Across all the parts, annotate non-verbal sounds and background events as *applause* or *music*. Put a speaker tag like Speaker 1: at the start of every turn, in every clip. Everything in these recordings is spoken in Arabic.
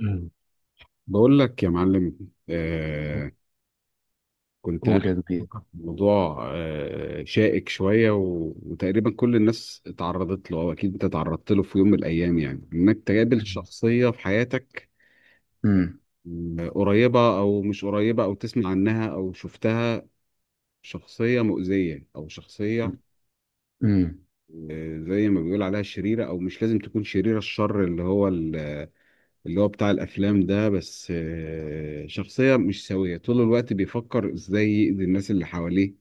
Speaker 1: أمم.
Speaker 2: بقول لك يا معلم، آه كنت قاعد
Speaker 1: أولى كبيرة.
Speaker 2: بفكر في موضوع شائك شوية، وتقريبا كل الناس اتعرضت له، أو أكيد أنت تعرضت له في يوم من الأيام، يعني إنك تقابل
Speaker 1: أمم.
Speaker 2: شخصية في حياتك،
Speaker 1: أمم.
Speaker 2: قريبة أو مش قريبة، أو تسمع عنها أو شفتها، شخصية مؤذية أو شخصية،
Speaker 1: أمم.
Speaker 2: زي ما بيقول عليها شريرة، أو مش لازم تكون شريرة الشر اللي هو اللي هو بتاع الافلام ده. بس شخصيه مش سويه، طول الوقت بيفكر ازاي يأذي الناس اللي حواليه،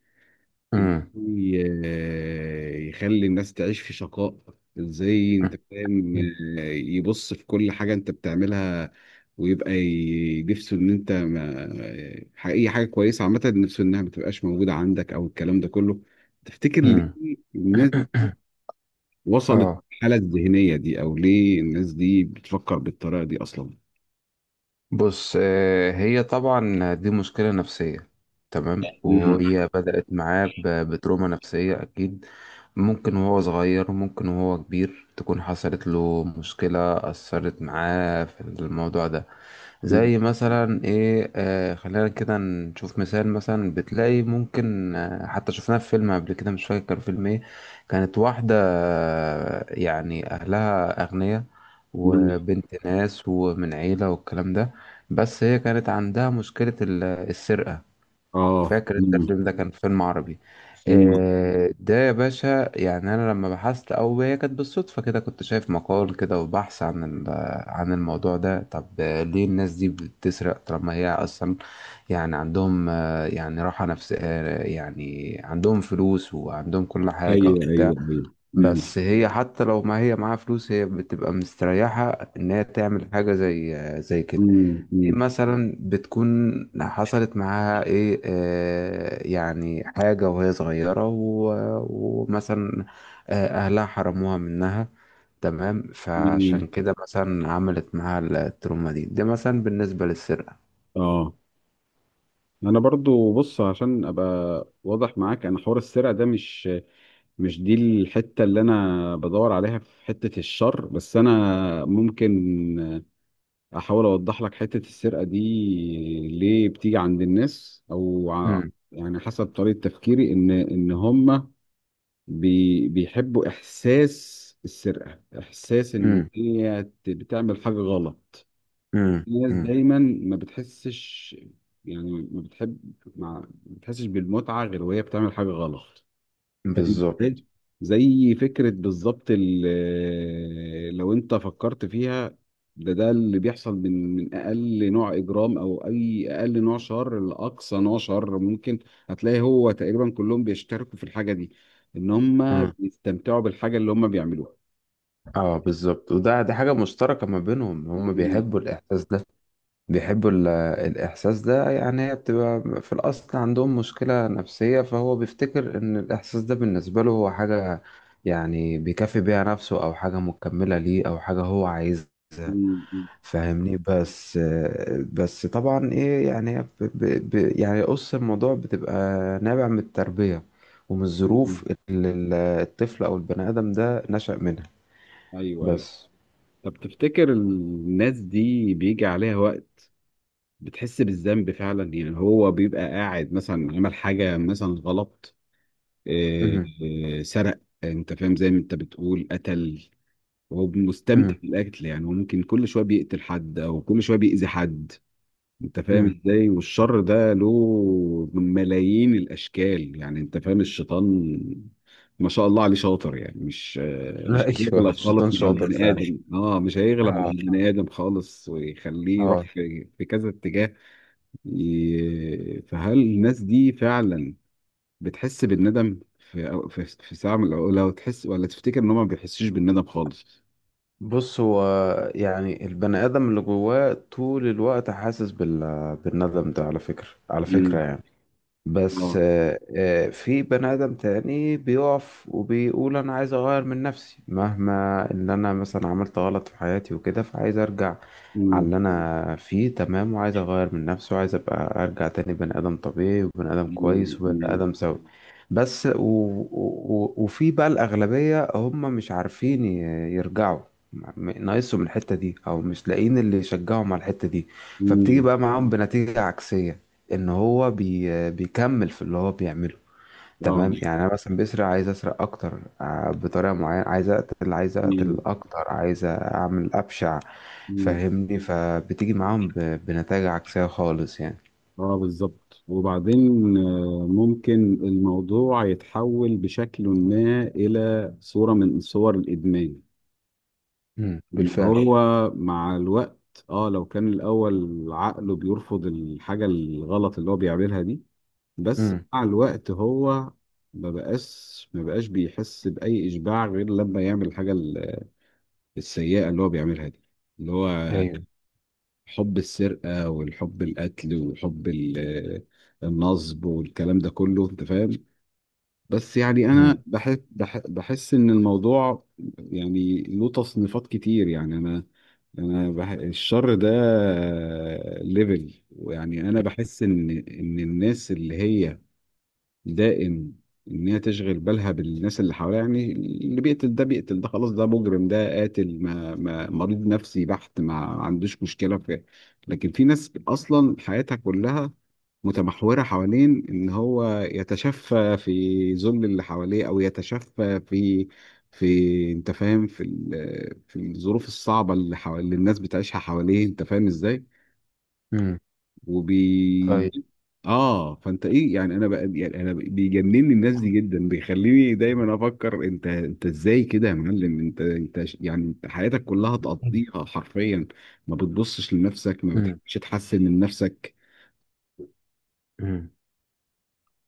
Speaker 1: أمم.
Speaker 2: ازاي يخلي الناس تعيش في شقاء، ازاي، انت فاهم، يبص في كل حاجه انت بتعملها، ويبقى نفسه ان انت ما ح- اي حاجه كويسه عامه نفسه انها ما تبقاش موجوده عندك، او الكلام ده كله. تفتكر ليه
Speaker 1: أمم.
Speaker 2: الناس وصلت
Speaker 1: آه.
Speaker 2: الحاله الذهنيه دي؟ او ليه الناس دي بتفكر بالطريقه دي اصلا؟
Speaker 1: بص، هي طبعا دي مشكلة نفسية. تمام، وهي بدأت معاه بتروما نفسية أكيد. ممكن وهو صغير، ممكن وهو كبير، تكون حصلت له مشكلة أثرت معاه في الموضوع ده.
Speaker 2: مم.
Speaker 1: زي مثلا ايه، خلينا كده نشوف مثال. مثلا بتلاقي ممكن، حتى شفناه في فيلم قبل كده، مش فاكر كان فيلم ايه. كانت واحدة، يعني أهلها أغنياء
Speaker 2: مم.
Speaker 1: وبنت ناس ومن عيلة والكلام ده، بس هي كانت عندها مشكلة السرقة.
Speaker 2: اه.
Speaker 1: فاكر انت
Speaker 2: مم.
Speaker 1: الفيلم ده؟ كان فيلم عربي.
Speaker 2: مم.
Speaker 1: ده يا باشا، يعني انا لما بحثت، او هي كانت بالصدفه كده كنت شايف مقال كده وبحث عن عن الموضوع ده. طب ليه الناس دي بتسرق طالما هي اصلا يعني عندهم، يعني راحه نفسيه، يعني عندهم فلوس وعندهم كل حاجه
Speaker 2: ايوه، ايوه،
Speaker 1: وبتاع.
Speaker 2: ايوه. مم.
Speaker 1: بس هي حتى لو ما هي معاها فلوس، هي بتبقى مستريحه ان هي تعمل حاجه زي زي كده.
Speaker 2: مم.
Speaker 1: إيه
Speaker 2: مم.
Speaker 1: مثلا؟ بتكون حصلت معاها ايه، يعني حاجة وهي صغيرة ومثلا اهلها حرموها منها. تمام، فعشان
Speaker 2: مم.
Speaker 1: كده مثلا عملت معاها التروما دي. ده مثلا بالنسبة للسرقة.
Speaker 2: اه، انا برضو بص عشان ابقى واضح معاك، انا حوار السرقه ده مش دي الحته اللي انا بدور عليها في حته الشر. بس انا ممكن احاول اوضح لك حته السرقه دي ليه بتيجي عند الناس؟
Speaker 1: امم.
Speaker 2: يعني حسب طريقه تفكيري ان هم بيحبوا إحساس السرقة، إحساس إن
Speaker 1: امم.
Speaker 2: هي بتعمل حاجة غلط.
Speaker 1: امم.
Speaker 2: الناس
Speaker 1: امم.
Speaker 2: دايما ما بتحسش، يعني ما بتحب، ما بتحسش بالمتعة غير وهي بتعمل حاجة غلط. فاهم
Speaker 1: بالظبط.
Speaker 2: ازاي؟ زي فكرة بالظبط لو انت فكرت فيها، ده اللي بيحصل من اقل نوع اجرام، او اي اقل نوع شر لاقصى نوع شر ممكن. هتلاقي هو تقريبا كلهم بيشتركوا في الحاجة دي، ان هم
Speaker 1: امم.
Speaker 2: بيستمتعوا بالحاجة اللي هم بيعملوها.
Speaker 1: اه بالظبط. وده دي حاجة مشتركة ما بينهم، هم
Speaker 2: مم.
Speaker 1: بيحبوا الإحساس ده. بيحبوا الإحساس ده يعني. هي بتبقى في الأصل عندهم مشكلة نفسية، فهو بيفتكر إن الإحساس ده بالنسبة له هو حاجة، يعني بيكافئ بيها نفسه أو حاجة مكملة ليه أو حاجة هو عايزها،
Speaker 2: مم.
Speaker 1: فاهمني؟ بس طبعا إيه يعني، هي ب ب ب يعني قص الموضوع بتبقى نابع من التربية ومن الظروف
Speaker 2: مم.
Speaker 1: اللي الطفل أو البني آدم ده نشأ منها.
Speaker 2: ايوه، ايوه.
Speaker 1: بس.
Speaker 2: طب تفتكر الناس دي بيجي عليها وقت بتحس بالذنب فعلا؟ يعني هو بيبقى قاعد مثلا عمل حاجة مثلا غلط، آه،
Speaker 1: مهم.
Speaker 2: سرق، انت فاهم، زي ما انت بتقول، قتل، وهو مستمتع
Speaker 1: مهم.
Speaker 2: بالقتل. يعني هو ممكن كل شويه بيقتل حد، او كل شويه بيأذي حد، انت فاهم
Speaker 1: مهم.
Speaker 2: ازاي، والشر ده له ملايين الاشكال. يعني انت فاهم، الشيطان ما شاء الله عليه شاطر، يعني
Speaker 1: لا
Speaker 2: مش
Speaker 1: *laughs* أيوه
Speaker 2: هيغلب
Speaker 1: الشيطان
Speaker 2: خالص مع
Speaker 1: شاطر
Speaker 2: البني
Speaker 1: فعلا.
Speaker 2: ادم، مش هيغلب مع
Speaker 1: اه.
Speaker 2: البني ادم خالص، ويخليه
Speaker 1: اه.
Speaker 2: يروح في كذا اتجاه. فهل الناس دي فعلا بتحس بالندم في، أو في ساعة من الأوقات لو تحس، ولا تفتكر إن هما ما بيحسوش بالندم خالص؟
Speaker 1: بص هو، يعني البني آدم اللي جواه طول الوقت حاسس بالندم ده، على فكرة على فكرة
Speaker 2: مم.
Speaker 1: يعني. بس
Speaker 2: اه.
Speaker 1: في بني آدم تاني بيقف وبيقول أنا عايز أغير من نفسي، مهما إن أنا مثلا عملت غلط في حياتي وكده، فعايز أرجع على
Speaker 2: مم.
Speaker 1: اللي أنا فيه. تمام، وعايز أغير من نفسي وعايز أبقى أرجع تاني بني آدم طبيعي وبني آدم
Speaker 2: مم.
Speaker 1: كويس وبني
Speaker 2: مم.
Speaker 1: آدم سوي. بس وفي بقى الأغلبية هم مش عارفين يرجعوا. ناقصهم الحتة دي، أو مش لاقيين اللي يشجعهم على الحتة دي، فبتيجي
Speaker 2: مم.
Speaker 1: بقى معاهم بنتيجة عكسية، ان هو بيكمل في اللي هو بيعمله.
Speaker 2: اه.
Speaker 1: تمام، يعني انا مثلا بسرق عايز اسرق اكتر، بطريقه معينه، عايز اقتل، عايز اقتل
Speaker 2: مم.
Speaker 1: اكتر، عايز اعمل ابشع،
Speaker 2: مم.
Speaker 1: فاهمني؟ فبتيجي معاهم بنتائج عكسيه خالص يعني.
Speaker 2: اه، بالظبط. وبعدين ممكن الموضوع يتحول بشكل ما إلى صورة من صور الإدمان. مم.
Speaker 1: بالفعل.
Speaker 2: هو مع الوقت، اه لو كان الأول عقله بيرفض الحاجة الغلط اللي هو بيعملها دي، بس
Speaker 1: امم.
Speaker 2: مع الوقت هو ما بقاش بيحس بأي إشباع غير لما يعمل الحاجة السيئة اللي هو بيعملها دي، اللي هو
Speaker 1: ايوه.
Speaker 2: حب السرقة والحب القتل وحب النصب والكلام ده كله، أنت فاهم. بس يعني أنا
Speaker 1: امم.
Speaker 2: بحس إن الموضوع يعني له تصنيفات كتير، يعني أنا الشر ده ليفل، ويعني أنا بحس إن الناس اللي هي دائم ان هي تشغل بالها بالناس اللي حواليها. يعني اللي بيقتل ده، بيقتل ده خلاص، ده مجرم، ده قاتل، ما مريض نفسي بحت، ما عندوش مشكله في. لكن في ناس اصلا حياتها كلها متمحوره حوالين ان هو يتشفى في ذل اللي حواليه، او يتشفى في، انت فاهم، في في الظروف الصعبه، اللي الناس بتعيشها حواليه، انت فاهم ازاي.
Speaker 1: امم.
Speaker 2: وبي
Speaker 1: طيب.
Speaker 2: اه فانت ايه؟ يعني انا بقى، يعني انا بيجنني الناس دي جدا، بيخليني دايما افكر انت، ازاي كده يا معلم، انت يعني انت حياتك كلها تقضيها حرفيا، ما بتبصش لنفسك، ما
Speaker 1: امم.
Speaker 2: بتحبش تحسن من نفسك.
Speaker 1: امم.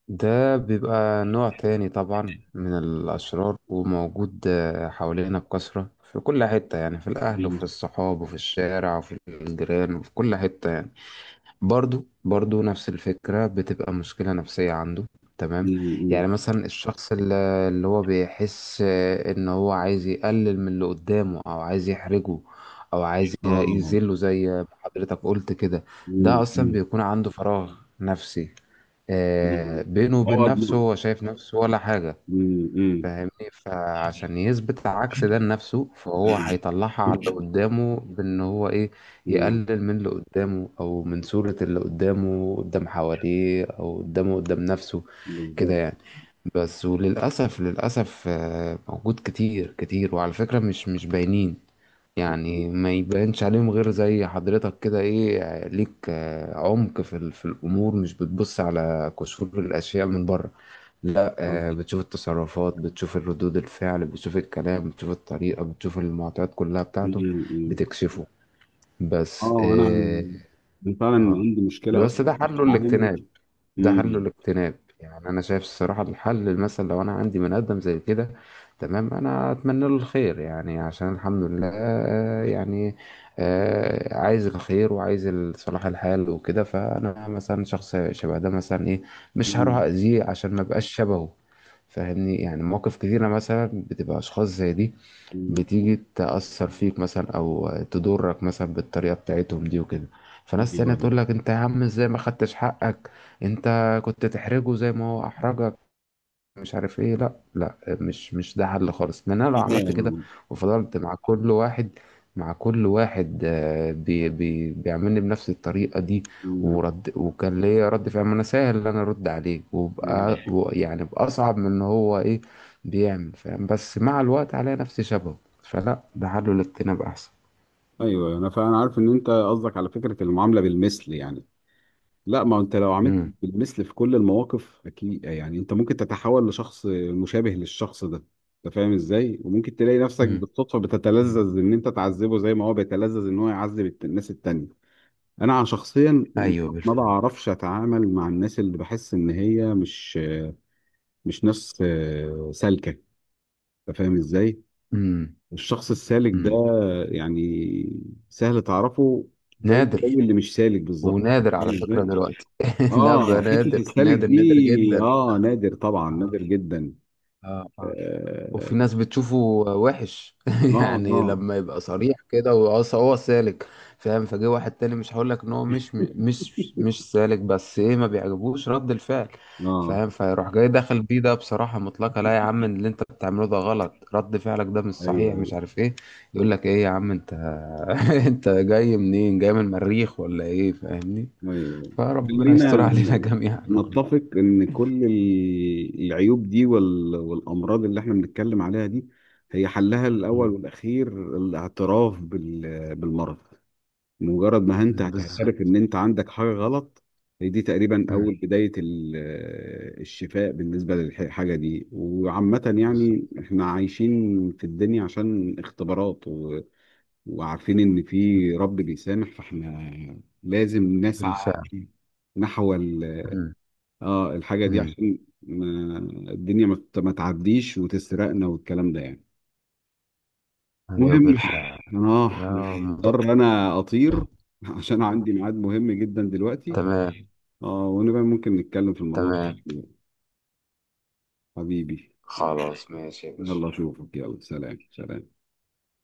Speaker 1: ده بيبقى نوع تاني طبعا من الأشرار، وموجود حوالينا بكثرة في كل حتة يعني، في الأهل
Speaker 2: مم.
Speaker 1: وفي الصحاب وفي الشارع وفي الجيران وفي كل حتة يعني. برضو برضو نفس الفكرة، بتبقى مشكلة نفسية عنده.
Speaker 2: مم.
Speaker 1: تمام. يعني
Speaker 2: مم.
Speaker 1: مثلا الشخص اللي هو بيحس ان هو عايز يقلل من اللي قدامه، او عايز يحرجه، او عايز
Speaker 2: اه.
Speaker 1: يذله زي ما حضرتك قلت كده. ده
Speaker 2: مم.
Speaker 1: اصلا
Speaker 2: مم.
Speaker 1: بيكون عنده فراغ نفسي،
Speaker 2: مم.
Speaker 1: بينه وبين
Speaker 2: عقد.
Speaker 1: نفسه، هو شايف نفسه ولا حاجة،
Speaker 2: مم. مم. مم.
Speaker 1: فاهمني؟ فعشان يثبت عكس ده لنفسه، فهو هيطلعها على اللي قدامه بان هو ايه،
Speaker 2: مم.
Speaker 1: يقلل من اللي قدامه او من صورة اللي قدامه قدام حواليه، او قدامه قدام نفسه كده
Speaker 2: بالظبط.
Speaker 1: يعني. بس وللأسف للأسف موجود كتير كتير، وعلى فكرة مش باينين،
Speaker 2: مم.
Speaker 1: يعني ما يبانش عليهم غير زي حضرتك كده، ايه ليك عمق في في الأمور، مش بتبص على قشور الأشياء من بره. لا،
Speaker 2: مم.
Speaker 1: بتشوف التصرفات، بتشوف الردود الفعل، بتشوف الكلام، بتشوف الطريقة، بتشوف المعطيات كلها بتاعته،
Speaker 2: مم.
Speaker 1: بتكشفه. بس
Speaker 2: اه، انا
Speaker 1: اه.
Speaker 2: انا فعلا
Speaker 1: آه.
Speaker 2: عندي
Speaker 1: ده،
Speaker 2: مشكله
Speaker 1: بس
Speaker 2: اصلا
Speaker 1: ده
Speaker 2: في
Speaker 1: حله
Speaker 2: التعامل.
Speaker 1: الاجتناب. ده حل الاجتناب يعني. انا شايف الصراحه الحل، مثلا لو انا عندي من ادم زي كده، تمام انا اتمنى له الخير يعني. عشان الحمد لله يعني عايز الخير وعايز صلاح الحال وكده، فانا مثلا شخص شبه ده مثلا ايه، مش هروح
Speaker 2: مم.
Speaker 1: اذيه عشان ما بقاش شبهه، فاهمني؟ يعني مواقف كتيره مثلا بتبقى اشخاص زي دي
Speaker 2: مم.
Speaker 1: بتيجي تأثر فيك مثلا أو تضرك مثلا بالطريقة بتاعتهم دي وكده، فناس
Speaker 2: ايوه.
Speaker 1: تانية تقول لك أنت يا عم إزاي ما خدتش حقك، أنت كنت تحرجه زي ما هو أحرجك، مش عارف ايه. لا لا، مش ده حل خالص، لان انا لو عملت كده وفضلت مع كل واحد، مع كل واحد بي بي بيعملني بنفس الطريقة دي،
Speaker 2: مم.
Speaker 1: ورد وكان ليا رد فعل، ما انا سهل ان انا ارد عليه وبقى
Speaker 2: مم.
Speaker 1: يعني باصعب من ان هو ايه بيعمل، فاهم؟ بس مع الوقت عليا نفسي شبهه، فلا ده حله الاجتناب احسن.
Speaker 2: ايوه، انا فعلا عارف ان انت قصدك على فكره المعامله بالمثل يعني. لا، ما انت لو عملت
Speaker 1: امم.
Speaker 2: بالمثل في كل المواقف اكيد، يعني انت ممكن تتحول لشخص مشابه للشخص ده، انت فاهم ازاي، وممكن تلاقي نفسك بالصدفه
Speaker 1: امم.
Speaker 2: بتتلذذ ان انت تعذبه زي ما هو بيتلذذ ان هو يعذب الناس التانية. انا عن شخصيا
Speaker 1: ايوه
Speaker 2: ما
Speaker 1: بالفعل.
Speaker 2: بعرفش اتعامل مع الناس اللي بحس ان هي مش ناس سالكه، انت فاهم ازاي.
Speaker 1: امم.
Speaker 2: الشخص السالك ده
Speaker 1: امم.
Speaker 2: يعني سهل تعرفه، زي
Speaker 1: نادر.
Speaker 2: اللي مش سالك بالظبط.
Speaker 1: ونادر
Speaker 2: *laughs* فاهم
Speaker 1: على فكرة
Speaker 2: ازاي؟
Speaker 1: دلوقتي. *laughs* لا
Speaker 2: اه. *laughs*
Speaker 1: بقى،
Speaker 2: حته
Speaker 1: نادر
Speaker 2: السالك
Speaker 1: نادر نادر
Speaker 2: دي،
Speaker 1: جدا.
Speaker 2: نادر طبعا،
Speaker 1: آه.
Speaker 2: نادر جدا.
Speaker 1: آه. آه.
Speaker 2: اه.
Speaker 1: وفي ناس بتشوفه وحش *laughs*
Speaker 2: اه.
Speaker 1: يعني
Speaker 2: اه.
Speaker 1: لما يبقى صريح كده هو سالك فاهم. فجه واحد تاني، مش هقول لك ان هو مش سالك، بس ايه ما بيعجبوش رد الفعل،
Speaker 2: آه.
Speaker 1: فاهم؟ فيروح جاي داخل بيه ده بصراحة مطلقة، لا يا عم اللي انت بتعمله ده غلط، رد فعلك ده مش
Speaker 2: ايوه،
Speaker 1: صحيح،
Speaker 2: ايوه،
Speaker 1: مش عارف ايه. يقول لك ايه يا عم انت، *laughs* انت جاي منين؟ جاي من المريخ ولا ايه؟ فاهمني؟
Speaker 2: ايوه.
Speaker 1: فربنا يستر
Speaker 2: خلينا
Speaker 1: علينا جميعا *laughs* والله.
Speaker 2: نتفق ان كل العيوب دي والامراض اللي احنا بنتكلم عليها دي، هي حلها الاول
Speaker 1: مم.
Speaker 2: والاخير الاعتراف بالمرض. مجرد ما انت
Speaker 1: مم.
Speaker 2: هتعترف
Speaker 1: بالظبط.
Speaker 2: ان انت عندك حاجه غلط، هي دي تقريبا
Speaker 1: مم.
Speaker 2: اول بدايه الشفاء بالنسبه للحاجه دي. وعامه
Speaker 1: بالظبط.
Speaker 2: يعني احنا عايشين في الدنيا عشان اختبارات، وعارفين ان في رب بيسامح، فاحنا لازم نسعى
Speaker 1: بالفعل.
Speaker 2: نحو ال...
Speaker 1: مم.
Speaker 2: اه الحاجه دي،
Speaker 1: مم.
Speaker 2: عشان ما... الدنيا ما تعديش وتسرقنا والكلام ده يعني.
Speaker 1: ايوه
Speaker 2: المهم،
Speaker 1: بالفعل.
Speaker 2: اه
Speaker 1: يا موضوع.
Speaker 2: مضطر انا اطير عشان عندي ميعاد مهم جدا دلوقتي.
Speaker 1: تمام.
Speaker 2: اه، ونبقى ممكن نتكلم في الموضوع
Speaker 1: تمام.
Speaker 2: ده حبيبي.
Speaker 1: خلاص، ماشي يا باشا.
Speaker 2: يلا اشوفك، يلا سلام سلام.